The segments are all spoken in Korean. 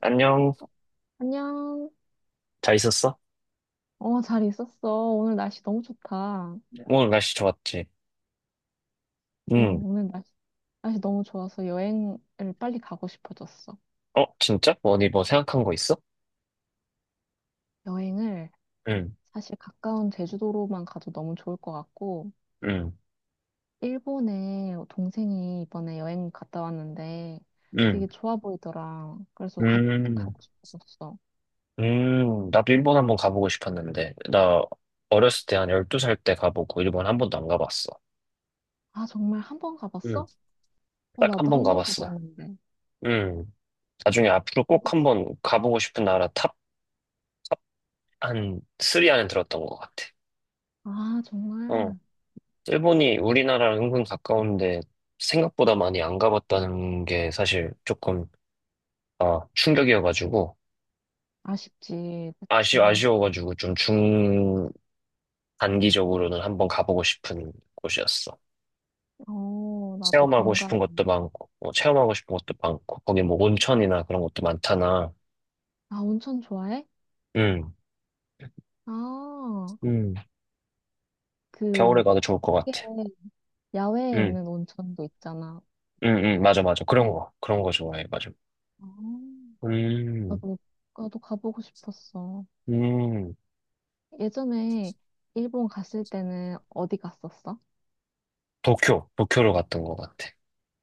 안녕. 안녕. 잘 있었어? 잘 있었어. 오늘 날씨 너무 좋다. 어, 네. 오늘 날씨 좋았지? 응. 오늘 날씨, 너무 좋아서 여행을 빨리 가고 싶어졌어. 어, 진짜? 뭐니 뭐 생각한 거 있어? 여행을 응, 사실 가까운 제주도로만 가도 너무 좋을 것 같고, 응, 일본에 동생이 이번에 여행 갔다 왔는데 응, 되게 좋아 보이더라. 그래서 가고 음, 싶어졌어. 나도 일본 한번 가보고 싶었는데. 나 어렸을 때 한 12살 때 가보고 일본 한 번도 안 가봤어. 아, 정말 한번 응. 가봤어? 어, 딱 한 나도 번 한번 가봤어. 가봤는데. 응. 나중에 앞으로 꼭 어디? 한 번 가보고 싶은 나라 탑 한 3 안에 들었던 것 같아. 아, 어. 정말. 일본이 우리나라랑 은근 가까운데 생각보다 많이 안 가봤다는 게 사실 조금 아, 충격이어가지고, 아쉽지. 아쉬, 그치. 아쉬워가지고 좀 중단기적으로는 한번 가보고 싶은 곳이었어. 어, 나도 체험하고 동감. 싶은 것도 많고, 거기 뭐 온천이나 그런 것도 많잖아. 아, 온천 좋아해? 응, 아, 응. 겨울에 그, 가도 좋을 것 그게 같아. 야외에 응, 있는 온천도 있잖아. 응, 응, 맞아, 맞아. 그런 거 좋아해, 맞아. 아, 음, 나도, 나도 가보고 싶었어. 음. 예전에 일본 갔을 때는 어디 갔었어? 도쿄로 갔던 것 같아.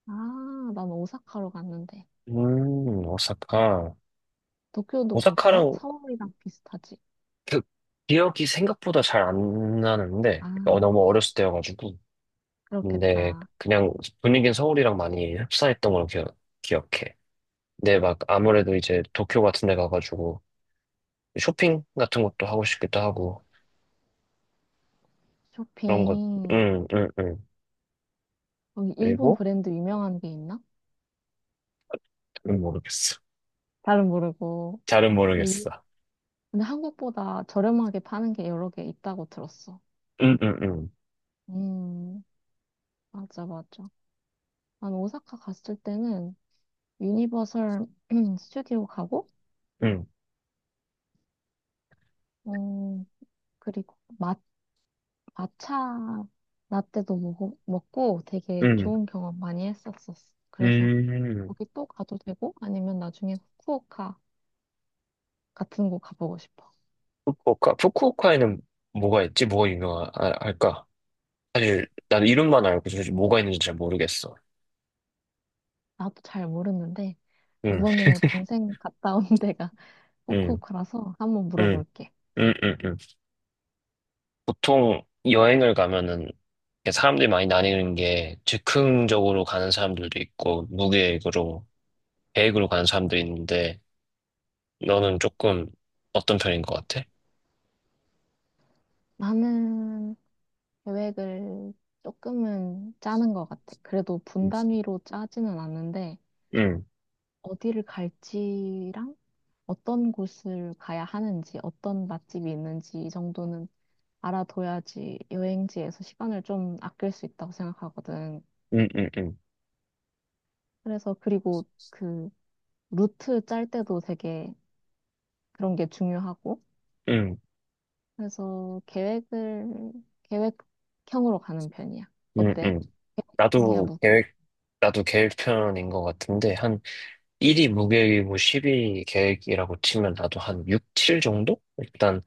아, 난 오사카로 갔는데. 오사카. 도쿄도 괜찮아? 오사카랑 서울이랑 비슷하지? 그 기억이 생각보다 잘 안 나는데, 아, 너무 어렸을 때여가지고. 근데 그렇겠다. 그냥 분위기는 서울이랑 많이 흡사했던 걸로 기억해. 근데 막 아무래도 이제 도쿄 같은 데 가가지고 쇼핑 같은 것도 하고 싶기도 하고 그런 것, 쇼핑. 응, 응, 응. 여기 일본 그리고 브랜드 유명한 게 있나? 잘은 모르겠어. 잘은 모르고. 잘은 근데, 이- 모르겠어. 근데 한국보다 저렴하게 파는 게 여러 개 있다고 들었어. 응, 응, 응, 음, 맞아, 맞아. 난 오사카 갔을 때는 유니버설 스튜디오 가고, 응, 어, 그리고 마차 라떼도 먹고 되게 응. 좋은 경험 많이 했었었어. 그래서 음, 거기 또 가도 되고, 아니면 나중에 후쿠오카 같은 곳 가보고 싶어. 후쿠오카에는 뭐가 있지? 뭐가 유명할까? 사실 난 이름만 알고 사실 뭐가 있는지 잘 모르겠어. 나도 잘 모르는데, 응, 이번에 동생 갔다 온 데가 응, 후쿠오카라서 한번 응, 물어볼게. 응, 응, 응. 보통 여행을 가면은 이렇게 사람들이 많이 나뉘는 게 즉흥적으로 가는 사람들도 있고 무계획으로 계획으로 가는 사람도 있는데 너는 조금 어떤 편인 것 같아? 나는 계획을 조금은 짜는 것 같아. 그래도 응, 분단위로 짜지는 않는데, 응, 어디를 갈지랑 어떤 곳을 가야 하는지, 어떤 맛집이 있는지 이 정도는 알아둬야지 여행지에서 시간을 좀 아낄 수 있다고 생각하거든. 응, 응, 그래서 그리고 그 루트 짤 때도 되게 그런 게 중요하고, 응, 그래서 계획을 계획형으로 가는 편이야. 응, 어때? 응. 계획형이야, 나도 무기? 계획, 나도 계획 편인 것 같은데 한 1이 무계획이고 10이 계획이라고 치면 나도 한 6, 7 정도? 일단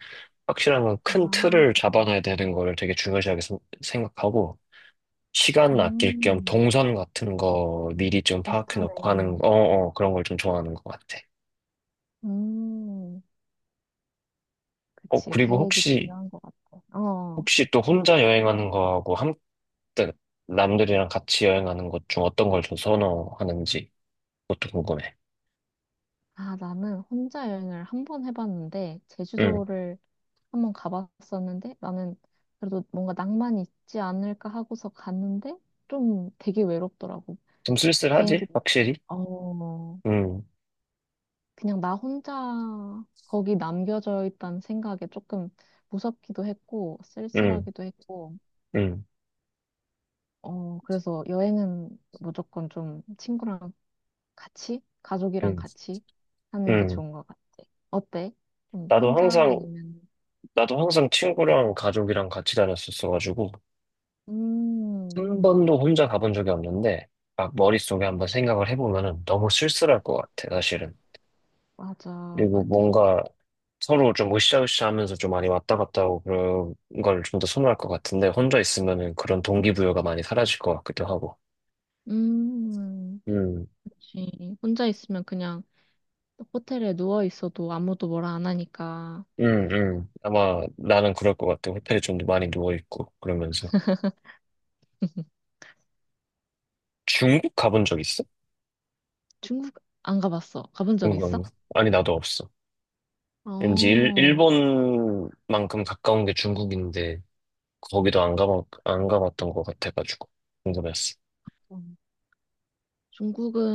확실한 건 큰 아, 틀을 잡아놔야 되는 거를 되게 중요시하게 생각하고 시간 아낄 겸 음, 동선 같은 거 미리 좀 파악해 놓고 하는 비슷하네. 거, 그런 걸 좀 좋아하는 것 같아. 음, 그치. 그리고 계획이 혹시, 중요한 것 같아. 어. 혹시 또 혼자 여행하는 거하고 그 남들이랑 같이 여행하는 것 중 어떤 걸 좀 선호하는지 그것도 궁금해. 아, 나는 혼자 여행을 한 번 해봤는데, 음, 제주도를 한번 가봤었는데, 나는 그래도 뭔가 낭만이 있지 않을까 하고서 갔는데, 좀 되게 외롭더라고. 좀 쓸쓸하지? 비행기, 확실히? 어, 음, 그냥 나 혼자 거기 남겨져 있다는 생각에 조금 무섭기도 했고, 음, 쓸쓸하기도 했고, 음, 어, 그래서 여행은 무조건 좀 친구랑 같이, 가족이랑 음, 같이 하는 게 음. 좋은 것 같아. 어때? 좀 나도 혼자 항상, 아니면 나도 항상 친구랑 가족이랑 같이 다녔었어가지고, 음, 한 번도 혼자 가본 적이 없는데, 막 머릿속에 한번 생각을 해보면은 너무 쓸쓸할 것 같아, 사실은. 맞아, 그리고 맞아. 뭔가 서로 좀 으쌰으쌰 하면서 좀 많이 왔다 갔다 하고 그런 걸 좀 더 선호할 것 같은데, 혼자 있으면은 그런 동기부여가 많이 사라질 것 같기도 하고. 음, 음, 그치. 혼자 있으면 그냥 호텔에 누워 있어도 아무도 뭐라 안 하니까. 아마 나는 그럴 것 같아. 호텔에 좀 많이 누워있고, 그러면서. 중국 가본 적 있어? 중국 안 가봤어. 가본 적 중국 안 있어? 가? 아니, 나도 없어. 왠지 일, 어, 일본만큼 가까운 게 중국인데, 거기도 안 가봤던 것 같아가지고 궁금했어. 음. 중국은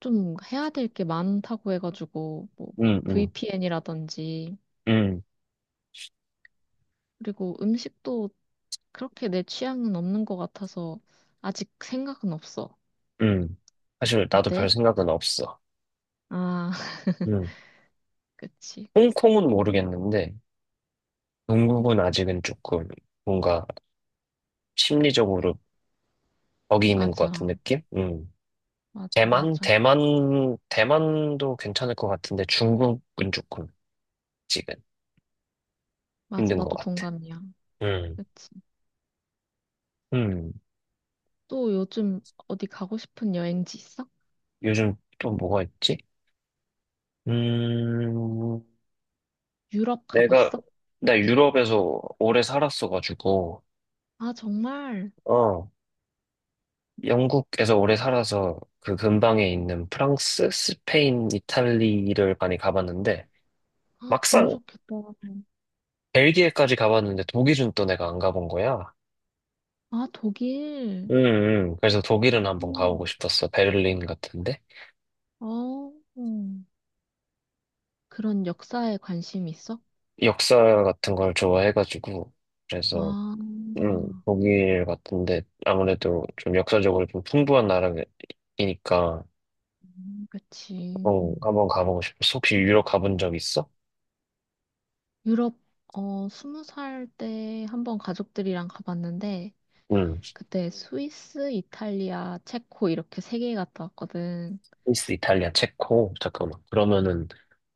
좀 해야 될게 많다고 해가지고, 뭐, 응, 응, VPN이라든지, 응, 그리고 음식도 그렇게 내 취향은 없는 것 같아서 아직 생각은 없어. 응. 사실 나도 별 어때? 생각은 없어. 아, 응. 그치. 홍콩은 모르겠는데 동국은 아직은 조금 뭔가 심리적으로 거기 있는 것 같은 맞아. 느낌? 응. 맞아, 대만, 맞아. 대만, 대만도 괜찮을 것 같은데 중국은 조금 지금 맞아, 힘든 것 나도 같아. 동감이야. 음. 그치. 음. 또 요즘 어디 가고 싶은 여행지 있어? 요즘 또 뭐가 있지? 음, 유럽 내가 가봤어? 나 유럽에서 오래 살았어가지고. 아, 정말? 어. 영국에서 오래 살아서 그 근방에 있는 프랑스, 스페인, 이탈리를 많이 가봤는데 아, 너무 막상 좋겠다. 벨기에까지 가봤는데 독일은 또 내가 안 가본 거야. 아, 독일. 음, 그래서 독일은 한번 오. 가보고 싶었어. 베를린 같은데. 어, 음. 그런 역사에 관심 있어? 역사 같은 걸 좋아해가지고. 그래서, 아, 독일 같은데 아무래도 좀 역사적으로 좀 풍부한 나라이니까 그치. 한번 가보고 싶었어. 혹시 유럽 가본 적 있어? 유럽, 어, 스무 살 때 한번 가족들이랑 가봤는데, 그때 스위스, 이탈리아, 체코 이렇게 세 개 갔다 왔거든. 스위스, 이탈리아, 체코. 잠깐만. 그러면은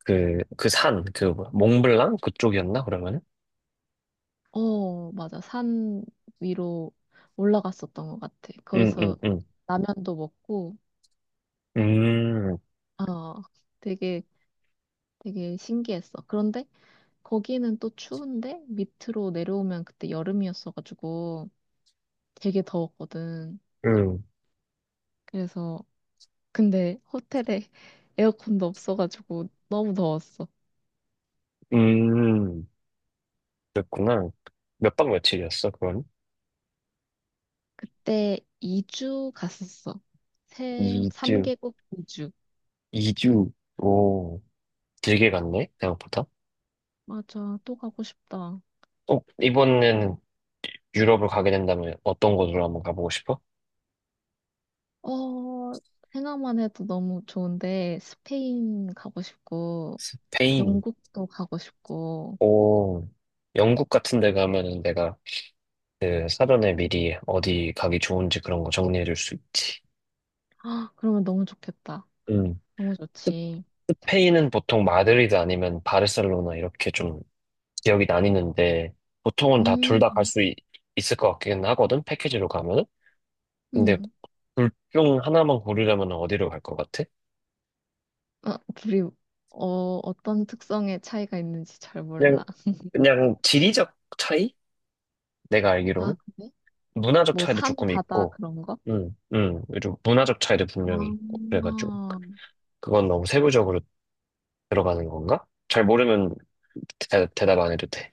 그 산, 그 뭐야, 몽블랑 그쪽이었나? 그러면은? 어, 맞아. 산 위로 올라갔었던 것 같아. 응, 응, 거기서 응. 라면도 먹고, 음, 어, 되게, 되게 신기했어. 그런데 거기는 또 추운데 밑으로 내려오면 그때 여름이었어가지고 되게 더웠거든. 음, 그래서, 근데 호텔에 에어컨도 없어가지고 너무 더웠어. 음. 그랬구나. 몇박 며칠이었어, 그건? 그때 이주 갔었어. 이주이주 3개국 이주 오, 길게 갔네, 생각보다. 맞아. 또 가고 싶다. 이번에는 유럽을 가게 된다면 어떤 곳으로 한번 가보고 싶어? 어, 생각만 해도 너무 좋은데, 스페인 가고 싶고, 스페인. 영국도 가고 싶고, 오, 영국 같은 데 가면은 내가 그 사전에 미리 어디 가기 좋은지 그런 거 정리해 줄 수 있지. 아, 그러면 너무 좋겠다. 응. 너무 스- 좋지. 스페인은 보통 마드리드 아니면 바르셀로나 이렇게 좀 지역이 나뉘는데 보통은 다 둘 다 갈 음, 수 있을 것 같긴 하거든 패키지로 가면은 근데 음. 둘 중 하나만 고르려면 어디로 갈 것 같아? 아, 둘이, 어, 어떤 특성의 차이가 있는지 잘 그냥 몰라. 그냥 지리적 차이? 내가 아, 알기로는 그래? 문화적 뭐, 차이도 산, 조금 바다, 있고 그런 거? 좀 문화적 차이도 분명히 있고 아, 그래가지고 그건 너무 세부적으로 들어가는 건가? 잘 모르면 답안 해도 돼.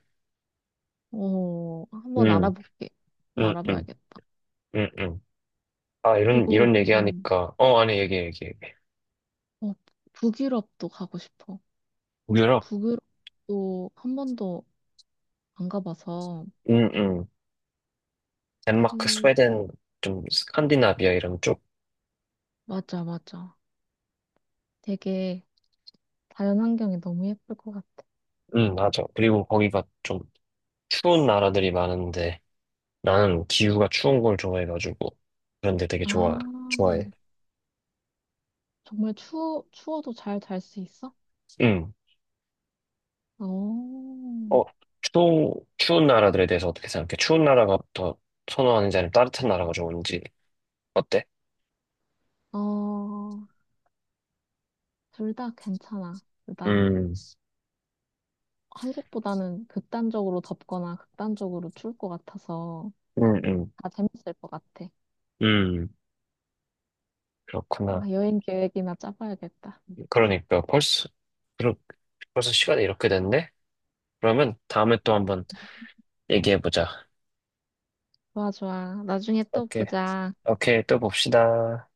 어, 한번 음, 알아볼게. 한번 음, 음, 알아봐야겠다. 음, 음. 아, 이런, 그리고, 이런 그, 얘기하니까. 아니, 얘기, 얘기. 어, 북유럽도 가고 싶어. 유럽? 북유럽도 한 번도 안 가봐서 응, 응. 덴마크, 그 스웨덴, 좀, 스칸디나비아 이런 쪽. 맞아 맞아 되게 자연환경이 너무 예쁠 것 같아 응, 맞아. 그리고 거기가 좀 추운 나라들이 많은데, 나는 기후가 추운 걸 좋아해가지고, 그런데 되게 좋아, 아 좋아해. 정말 추워도 잘 잘 수 있어? 응. 어어둘 어, 추운 나라들에 대해서 어떻게 생각해? 추운 나라가 더 선호하는지 아니면 따뜻한 나라가 좋은지, 어때? 다 괜찮아 나 음, 한국보다는 극단적으로 덥거나 극단적으로 추울 것 같아서 음, 음, 다 재밌을 것 같아 음. 아 그렇구나. 여행 계획이나 짜봐야겠다 그러니까, 그렇- 벌써 시간이 이렇게 됐네? 그러면 다음에 또 한번 얘기해보자. 좋아 좋아 나중에 또 오케이. 보자 오케이. 또 봅시다.